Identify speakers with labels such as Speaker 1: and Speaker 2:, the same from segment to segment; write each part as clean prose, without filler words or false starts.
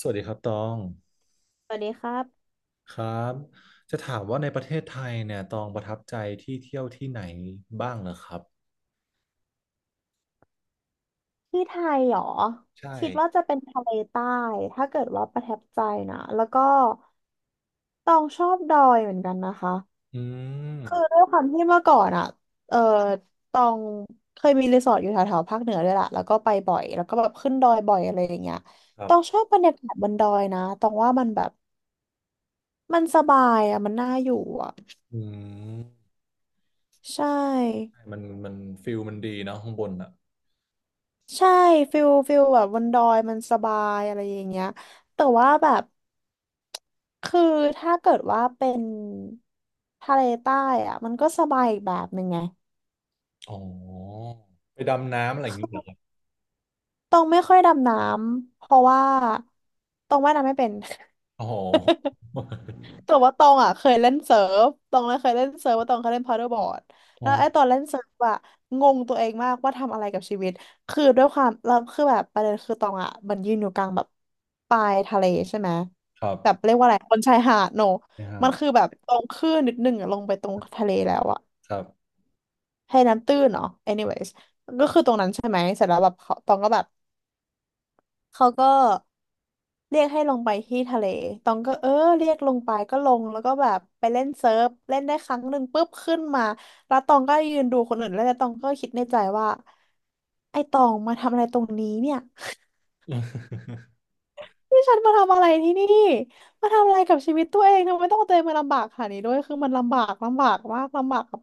Speaker 1: สวัสดีครับตอง
Speaker 2: สวัสดีครับ
Speaker 1: ครับจะถามว่าในประเทศไทยเนี่ยตองประทับใจที่เที่ยวที่ไหนบ้างเหรอครับ
Speaker 2: ที่ไทยเหรอ
Speaker 1: ใช่
Speaker 2: คิดว่าจะเป็นทะเลใต้ถ้าเกิดว่าประทับใจนะแล้วก็ตองชอบดอยเหมือนกันนะคะ
Speaker 1: อืม
Speaker 2: คือด้วยความที่เมื่อก่อนอ่ะเออตองเคยมีรีสอร์ทอยู่แถวๆภาคเหนือด้วยล่ะแล้วก็ไปบ่อยแล้วก็แบบขึ้นดอยบ่อยอะไรอย่างเงี้ย
Speaker 1: ครั
Speaker 2: ตองช
Speaker 1: บ
Speaker 2: อบบรรยากาศบนดอยนะตองว่ามันแบบมันสบายอ่ะมันน่าอยู่อ่ะ
Speaker 1: อืม
Speaker 2: ใช่
Speaker 1: ใช่มันฟิลมันดีเนอะข้างบนอ่ะ
Speaker 2: ใช่ฟิลแบบบนดอยมันสบายอะไรอย่างเงี้ยแต่ว่าแบบคือถ้าเกิดว่าเป็นทะเลใต้อะมันก็สบายอีกแบบหนึ่งไง
Speaker 1: อ๋อไปดำน้ำอะไรอย่าง
Speaker 2: คื
Speaker 1: นี้เหรอครับ
Speaker 2: อตองไม่ค่อยดำน้ำเพราะว่าตองว่ายน้ำไม่เป็น
Speaker 1: อ๋อ
Speaker 2: แต่ว่าตองอ่ะเคยเล่นเซิร์ฟตองเลยเคยเล่นเซิร์ฟว่าตองเคยเล่นพาราบอร์ด
Speaker 1: อ๋อ
Speaker 2: แล้วไอ้ตอนเล่นเซิร์ฟอ่ะงงตัวเองมากว่าทำอะไรกับชีวิตคือด้วยความเราคือแบบประเด็นคือตองอ่ะมันยืนอยู่กลางแบบปลายทะเลใช่ไหม
Speaker 1: ครั
Speaker 2: แบบ
Speaker 1: บ
Speaker 2: เรียกว่าอะไรบนชายหาดโน
Speaker 1: นะฮะ
Speaker 2: มันคือแบบตรงคลื่นนิดนึงอ่ะลงไปตรงทะเลแล้วอ่ะ
Speaker 1: ครับ
Speaker 2: ให้น้ำตื้นเนาะ anyways ก็คือตรงนั้นใช่ไหมเสร็จแล้วแบบเขาตองก็แบบ เขาก็เรียกให้ลงไปที่ทะเลตองก็เรียกลงไปก็ลงแล้วก็แบบไปเล่นเซิร์ฟเล่นได้ครั้งหนึ่งปุ๊บขึ้นมาแล้วตองก็ยืนดูคนอื่นแล้วแล้วตองก็คิดในใจว่าไอ้ตองมาทำอะไรตรงนี้เนี่ย นี่ฉันมาทำอะไรที่นี่มาทำอะไรกับชีวิตตัวเองทำไมต้องเอาตัวเองมาลำบากขนาดนี้ด้วยคือมันลำบากลำบากมากลำบากกับ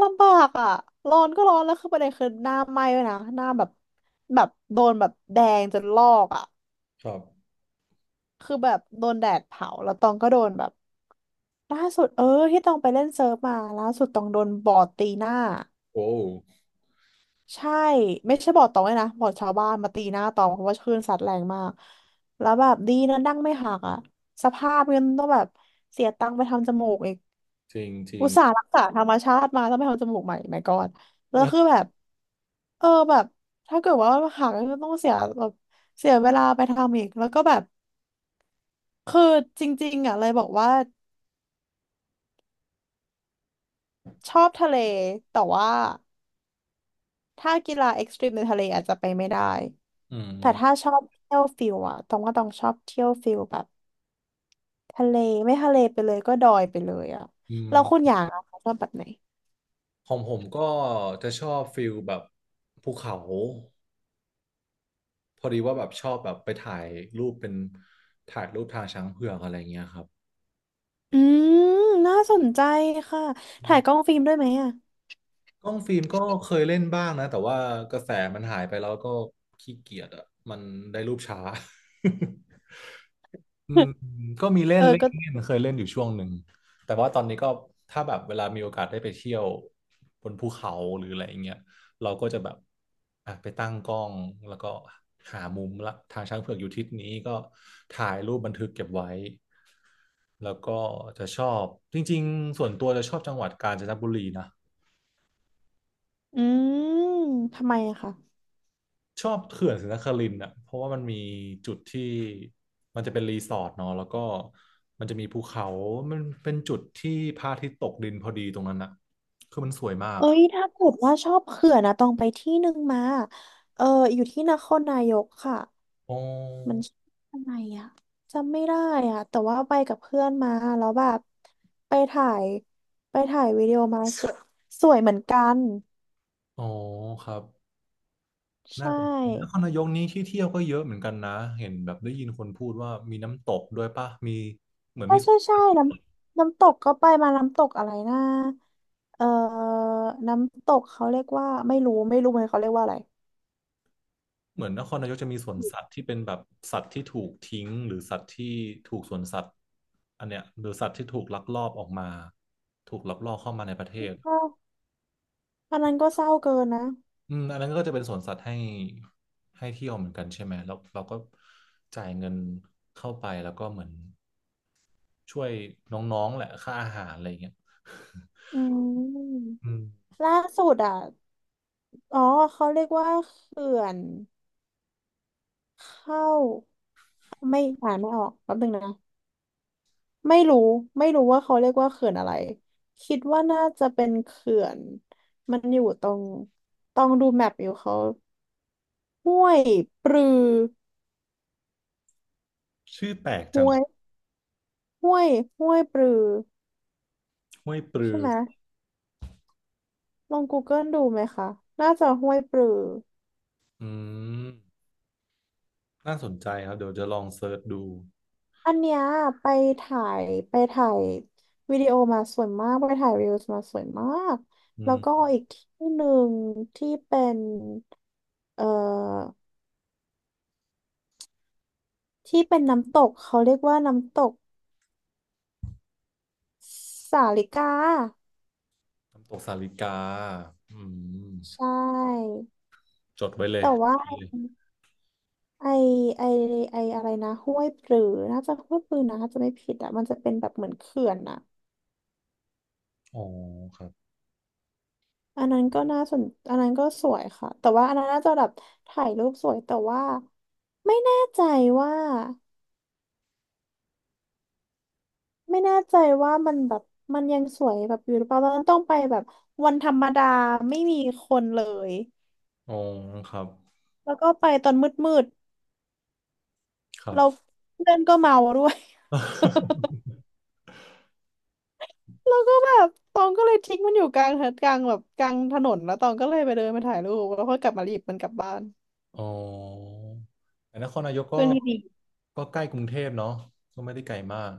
Speaker 2: ลำบากอ่ะร้อนก็ร้อนแล้วคือประเด็นคือหน้าไหม้ด้วยนะหน้าแบบแบบโดนแบบแดงจนลอกอ่ะ
Speaker 1: ครับ
Speaker 2: คือแบบโดนแดดเผาแล้วตองก็โดนแบบล่าสุดที่ตองไปเล่นเซิร์ฟมาล่าสุดตองโดนบอร์ดตีหน้า
Speaker 1: โอ้
Speaker 2: ใช่ไม่ใช่บอร์ดตองเลยนะบอร์ดชาวบ้านมาตีหน้าตองเพราะว่าคลื่นซัดแรงมากแล้วแบบดีนะดั้งไม่หักอ่ะสภาพเงินต้องแบบเสียตังค์ไปทำจมูกอีก
Speaker 1: จริงจริ
Speaker 2: อุ
Speaker 1: ง
Speaker 2: ตส่าห์รักษาธรรมชาติมาต้องไปทำจมูกใหม่ไม่กอดแล้วคือแบบแบบถ้าเกิดว่าหักก็ต้องเสียแบบเสียเวลาไปทำอีกแล้วก็แบบคือจริงๆอ่ะเลยบอกว่า ชอบทะเลแต่ว่าถ้ากีฬาเอ็กซ์ตรีมในทะเลอาจจะไปไม่ได้
Speaker 1: อื
Speaker 2: แต่
Speaker 1: ม
Speaker 2: ถ้าชอบเที่ยวฟิลอะต้องว่าต้องชอบเที่ยวฟิลแบบทะเลไม่ทะเลไปเลยก็ดอยไปเลยอะ
Speaker 1: อืม
Speaker 2: แล้วคุณอย่างอะคะชอบแบบไหน
Speaker 1: ของผมก็จะชอบฟิลแบบภูเขา พอดีว่าแบบชอบแบบไปถ่ายรูปเป็นถ่ายรูปทางช้างเผือกอะไรเงี้ยครับ
Speaker 2: อืมน่าสนใจค่ะ
Speaker 1: อื
Speaker 2: ถ่ายกล้
Speaker 1: ม
Speaker 2: องฟิล์มด้วยไหมอะ
Speaker 1: กล้องฟิล์มก็เคยเล่นบ้างนะแต่ว่ากระแสมันหายไปแล้วก็ขี้เกียจอ่ะมันได้รูปช้าอืม ก็มีเล่
Speaker 2: เอ
Speaker 1: น
Speaker 2: อ
Speaker 1: เล่น
Speaker 2: ก็
Speaker 1: เล่นเคยเล่นอยู่ช่วงหนึ่งแต่ว่าตอนนี้ก็ถ้าแบบเวลามีโอกาสได้ไปเที่ยวบนภูเขาหรืออะไรอย่างเงี้ยเราก็จะแบบอ่ะไปตั้งกล้องแล้วก็หามุมละทางช้างเผือกอยู่ทิศนี้ก็ถ่ายรูปบันทึกเก็บไว้ แล้วก็จะชอบจริงๆส่วนตัวจะชอบจังหวัดกาญจนบุรีนะ
Speaker 2: อืมทำไมอะคะ
Speaker 1: ชอบเขื่อนศรีนครินทร์อ่ะเพราะว่ามันมีจุดที่มันจะเป็นรีสอร์ทเนาะแล้วก็มันจะมีภูเขามันเป็นจุดที่พระอาทิตย์ตกดินพอดีตรงนั้นอ่ะคือมันสวยมาก
Speaker 2: เอ้ยถ้าเกิดว่าชอบเขื่อนนะต้องไปที่หนึ่งมาเอออยู่ที่นครนายกค่ะ
Speaker 1: อ๋อ
Speaker 2: มันชื่ออะไรอะจำไม่ได้อะแต่ว่าไปกับเพื่อนมาแล้วแบบไปถ่ายไปถ่ายวิดีโอมา สวยสวยเหมือนกัน
Speaker 1: อ๋อครับน่า
Speaker 2: ใช่
Speaker 1: สนใจนครนายกนี้ที่เที่ยวก็เยอะเหมือนกันนะเห็นแบบได้ยินคนพูดว่ามีน้ำตกด้วยป่ะมี
Speaker 2: ใช่ใช่ใช่น้ำน้ำตกก็ไปมาน้ำตกอะไรนะเอ่อน้ำตกเขาเรียกว่าไม่รู้ไม่รู้เหมือนเขาเรียกว่าอะไร
Speaker 1: เหมือนนครนายกจะมีสวนสัตว์ที่เป็นแบบสัตว์ที่ถูกทิ้งหรือสัตว์ที่ถูกสวนสัตว์อันเนี้ยหรือสัตว์ที่ถูกลักลอบออกมาถูกลักลอบเข้ามาในประเทศ
Speaker 2: เศร้าอันนั้นก็เศร้าเกินนะ
Speaker 1: อืมอันนั้นก็จะเป็นสวนสัตว์ให้ให้เที่ยวเหมือนกันใช่ไหมแล้วเราก็จ่ายเงินเข้าไปแล้วก็เหมือนช่วยน้องๆแหละค่าอาหารอะไรอย่างเงี้ย
Speaker 2: อืม
Speaker 1: อืม
Speaker 2: ล่าสุดอ่ะอ๋อเขาเรียกว่าเขื่อนเข้าไม่อ่านไม่ออกแป๊บนึงนะ ไม่รู้ไม่รู้ว่าเขาเรียกว่าเขื่อนอะไรคิดว่าน่าจะเป็นเขื่อนมันอยู่ตรงต้องดูแมปอยู่เขาห้วยปรือ
Speaker 1: ชื่อแปลกจั
Speaker 2: ห้
Speaker 1: ง
Speaker 2: วยห้วยห้วยปรือ
Speaker 1: ห้วยปลื
Speaker 2: ใช่
Speaker 1: อ
Speaker 2: ไหมลอง Google ดูไหมคะน่าจะห้วยปรือ
Speaker 1: อืมน่าสนใจครับเดี๋ยวจะลองเซิร์ชดู
Speaker 2: อันเนี้ยไปถ่ายไปถ่ายวิดีโอมาสวยมากไปถ่ายรีวิวมาสวยมาก
Speaker 1: อื
Speaker 2: แล้วก็
Speaker 1: ม
Speaker 2: อีกที่หนึ่งที่เป็นเอ่อที่เป็นน้ำตกเขาเรียกว่าน้ำตก สาลิกา
Speaker 1: น้ำตกสาลิกาอืม
Speaker 2: ใช่
Speaker 1: จดไว้เลย
Speaker 2: แต่ว่าไอไอไออะไรนะห้วยปรือน่าจะห้วยปรือนะถ้าจะไม่ผิดอ่ะมันจะเป็นแบบเหมือนเขื่อนอ่ะ
Speaker 1: อ๋อครับ
Speaker 2: อันนั้นก็น่าสนอันนั้นก็สวยค่ะแต่ว่าอันนั้นน่าจะแบบถ่ายรูปสวยแต่ว่าไม่แน่ใจว่าไม่แน่ใจว่ามันแบบมันยังสวยแบบอยู่หรือเปล่าตอนนั้นต้องไปแบบวันธรรมดาไม่มีคนเลย
Speaker 1: อ๋อครับ
Speaker 2: แล้วก็ไปตอนมืด
Speaker 1: ครั
Speaker 2: ๆ
Speaker 1: บ
Speaker 2: เราเพื่อนก็เมาด้วย แล้วก็แบบตองก็เลยทิ้งมันอยู่กลางกลางแบบกลางถนนแล้วตองก็เลยไปเดินไปถ่ายรูปแล้วก็กลับมาหยิบมันกลับบ้าน
Speaker 1: อ๋อแต่นครนายกก็
Speaker 2: เพื่อนที่ดี
Speaker 1: ใกล้กรุงเทพเนาะก็ไม่ได้ไกลมาก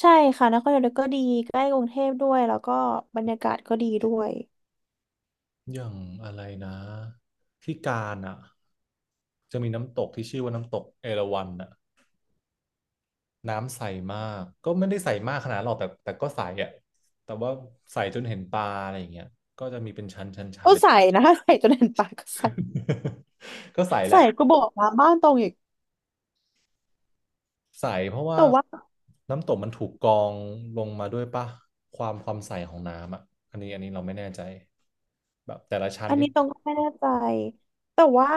Speaker 2: ใช่ค่ะนครนายกก็ดีใกล้กรุงเทพด้วยแล้วก็บรรยากาศก็ดีด้วย
Speaker 1: อย่างอะไรนะที่กาญอ่ะจะมีน้ำตกที่ชื่อว่าน้ำตกเอราวัณน่ะน้ำใสมาก ก็ไม่ได้ใสมากขนาดนั้นหรอกแต่ก็ใสอ่ะแต่ว่าใสจนเห็นปลาอะไรอย่างเงี้ย
Speaker 2: โอ้ใส่นะ ใส่จนเห็นปากก็ใส่
Speaker 1: ก็ใสแห
Speaker 2: ใส่
Speaker 1: ละ
Speaker 2: ก็บอกมาบ้านตรงอีก
Speaker 1: ใสเพราะว่า
Speaker 2: แต่ว่า
Speaker 1: น้ำตกมันถูกกรองลงมาด้วยป่ะความใสของน้ำอ่ะอันนี้เราไม่แน่ใจแบบแต่ละชั้น
Speaker 2: อัน
Speaker 1: นี่
Speaker 2: นี้ตรงก็ไม่แน่ใจแต่ว่า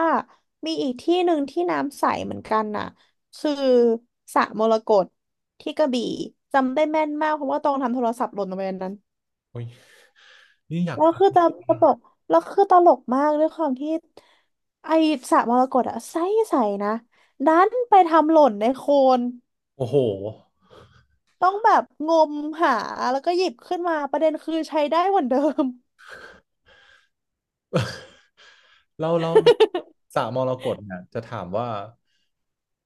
Speaker 2: มีอีกที่หนึ่งที่น้ำใสเหมือนกันน่ะคือสระมรกตที่กระบี่จำได้แม่นมากเพราะว่าตรงทำโทรศัพท์หล่นลงไปในนั้น
Speaker 1: โอ้ยนี่อยาก
Speaker 2: แล้ว
Speaker 1: ฟัง
Speaker 2: คือตลกแล้วคือตลกมากด้วยความที่ไอสระมรกตอะใสใสนะดันไปทำหล่นในโคลน
Speaker 1: โอ้โห
Speaker 2: ต้องแบบงมหาแล้วก็หยิบขึ้นมาประเด็นคือใช้ได้เหมือนเดิม
Speaker 1: เราสระมรกตเนี่ยจะถามว่า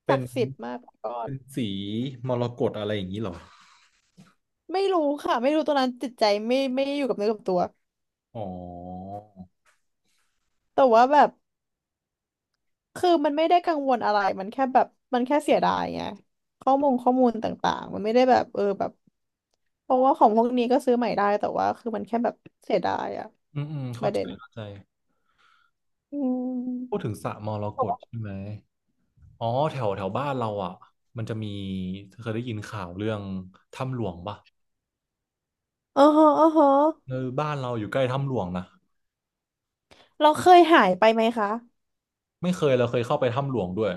Speaker 1: เป็
Speaker 2: ศั
Speaker 1: น
Speaker 2: กดิ์สิทธิ์มากกอด
Speaker 1: เป็นสีมรกตอะไรอย่างนี้เหรอ
Speaker 2: ไม่รู้ค่ะไม่รู้ตัวนั้นจิตใจไม่อยู่กับเนื้อกับตัว
Speaker 1: อ๋อ
Speaker 2: แต่ว่าแบบ คือมันไม่ได้กังวลอะไร มันแค่แบบมันแค่เสียดายไงข้อมูลต่างๆมันไม่ได้แบบเพราะว่าของพวกนี้ก็ซื้อใหม่ได้แต่ว่าคือมันแค่แบบเสียดายอะ
Speaker 1: อืมอืม
Speaker 2: ป
Speaker 1: เข้า
Speaker 2: ระ
Speaker 1: ใจ
Speaker 2: เด็น
Speaker 1: เข้าใจ
Speaker 2: อื
Speaker 1: พูดถึ
Speaker 2: ม
Speaker 1: งสระมรกตใช่ไหมอ๋อแถวแถวบ้านเราอ่ะมันจะมีเคยได้ยินข่าวเรื่องถ้ำหลวงปะ
Speaker 2: อ๋อฮะอ๋อฮะ
Speaker 1: เออบ้านเราอยู่ใกล้ถ้ำหลวงนะ
Speaker 2: เราเคยหายไปไหมคะ
Speaker 1: ไม่เคยเราเคยเข้าไปถ้ำหลวงด้วย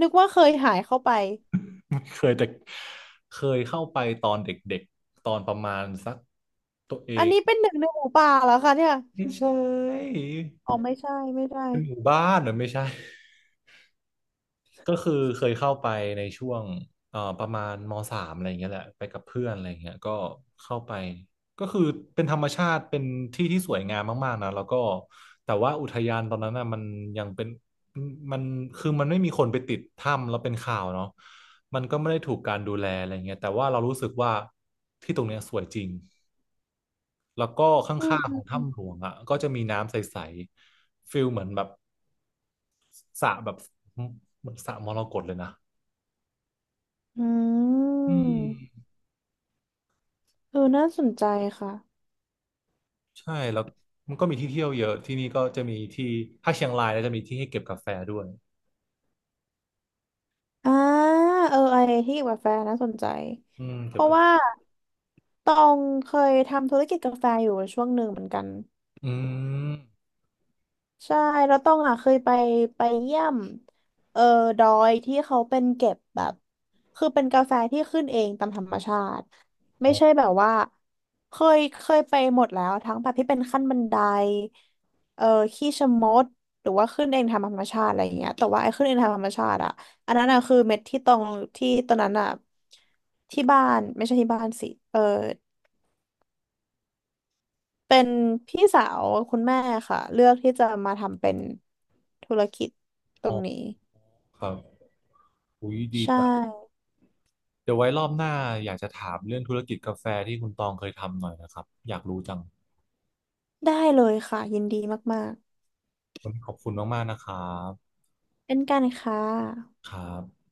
Speaker 2: นึกว่าเคยหายเข้าไป
Speaker 1: เคยแต่เคยเข้าไปตอนเด็กๆตอนประมาณสักตัวเอ
Speaker 2: อัน
Speaker 1: ง
Speaker 2: นี้เป็นหนึ่งในหมูป่าแล้วค่ะเนี่ย
Speaker 1: ไม่ใช่
Speaker 2: อ๋อไม่ใช่ไม่ได้
Speaker 1: เป็นหมู่บ้านเหรอไม่ใช่ ก็คือเคยเข้าไปในช่วงประมาณมสามอะไรอย่างเงี้ยแหละไปกับเพื่อนอะไรอย่างเงี้ยก็เข้าไปก็คือเป็นธรรมชาติเป็นที่ที่สวยงามมากๆนะแล้วก็แต่ว่าอุทยานตอนนั้นน่ะมันยังเป็นมันมันไม่มีคนไปติดถ้ำแล้วเป็นข่าวเนาะมันก็ไม่ได้ถูกการดูแลอะไรเงี้ยแต่ว่าเรารู้สึกว่าที่ตรงเนี้ยสวยจริงแล้วก็ข
Speaker 2: อืม
Speaker 1: ้างๆ
Speaker 2: อื
Speaker 1: ขอ
Speaker 2: ม
Speaker 1: ง
Speaker 2: อืม
Speaker 1: ถ้ำหลวงอ่ะก็จะมีน้ำใสๆฟิลเหมือนแบบสระแบบเหมือนสระมรกตเลยนะ
Speaker 2: อื
Speaker 1: อื
Speaker 2: ม
Speaker 1: ม
Speaker 2: เออน่าสนใจค่ะ
Speaker 1: ใช่แล้วมันก็มีที่เที่ยวเยอะที่นี่ก็จะมีที่ถ้าเชียงรายแล้วจะมีที่ให้เก็บกาแฟด้วย
Speaker 2: อ่าเออไอที่เกี่ยวกับกาแฟน่าสนใจ
Speaker 1: อืม
Speaker 2: เพ
Speaker 1: เก็บ
Speaker 2: ราะ
Speaker 1: กา
Speaker 2: ว่า
Speaker 1: แฟ
Speaker 2: ตองเคยทำธุรกิจกาแฟอยู่ช่วงหนึ่งเหมือนกัน
Speaker 1: อืม
Speaker 2: ใช่แล้วต้องอ่ะเคยไปไปเยี่ยมเออดอยที่เขาเป็นเก็บแบบคือเป็นกาแฟที่ขึ้นเองตามธรรมชาติ
Speaker 1: อ๋
Speaker 2: ไม่
Speaker 1: อ
Speaker 2: ใช่แบบว่าเคยไปหมดแล้วทั้งแบบที่เป็นขั้นบันไดเออขี้ชะมดหรือว่าขึ้นเองทำธรรมชาติอะไรอย่างเงี้ยแต่ว่าไอ้ขึ้นเองทำธรรมชาติอ่ะอันนั้นอ่ะคือเม็ดที่ตรงที่ตอนนั้นอ่ะที่บ้านไม่ใช่ที่บ้านสิเออ เป็นพี่สาวคุณแม่ค่ะเลือกที่จะมาทำเป็นธุรกิจตร
Speaker 1: อ๋อ
Speaker 2: งนี้
Speaker 1: ครับอุ้ยดี
Speaker 2: ใช่
Speaker 1: จังเดี๋ยวไว้รอบหน้าอยากจะถามเรื่องธุรกิจกาแฟที่คุณตองเคยทำหน่อยนะครับอยากรู้จัง
Speaker 2: ได้เลยค่ะยินดีมาก
Speaker 1: วันนี้ขอบคุณมากๆนะครับ
Speaker 2: ๆ เป็นกันค่ะ
Speaker 1: ครับ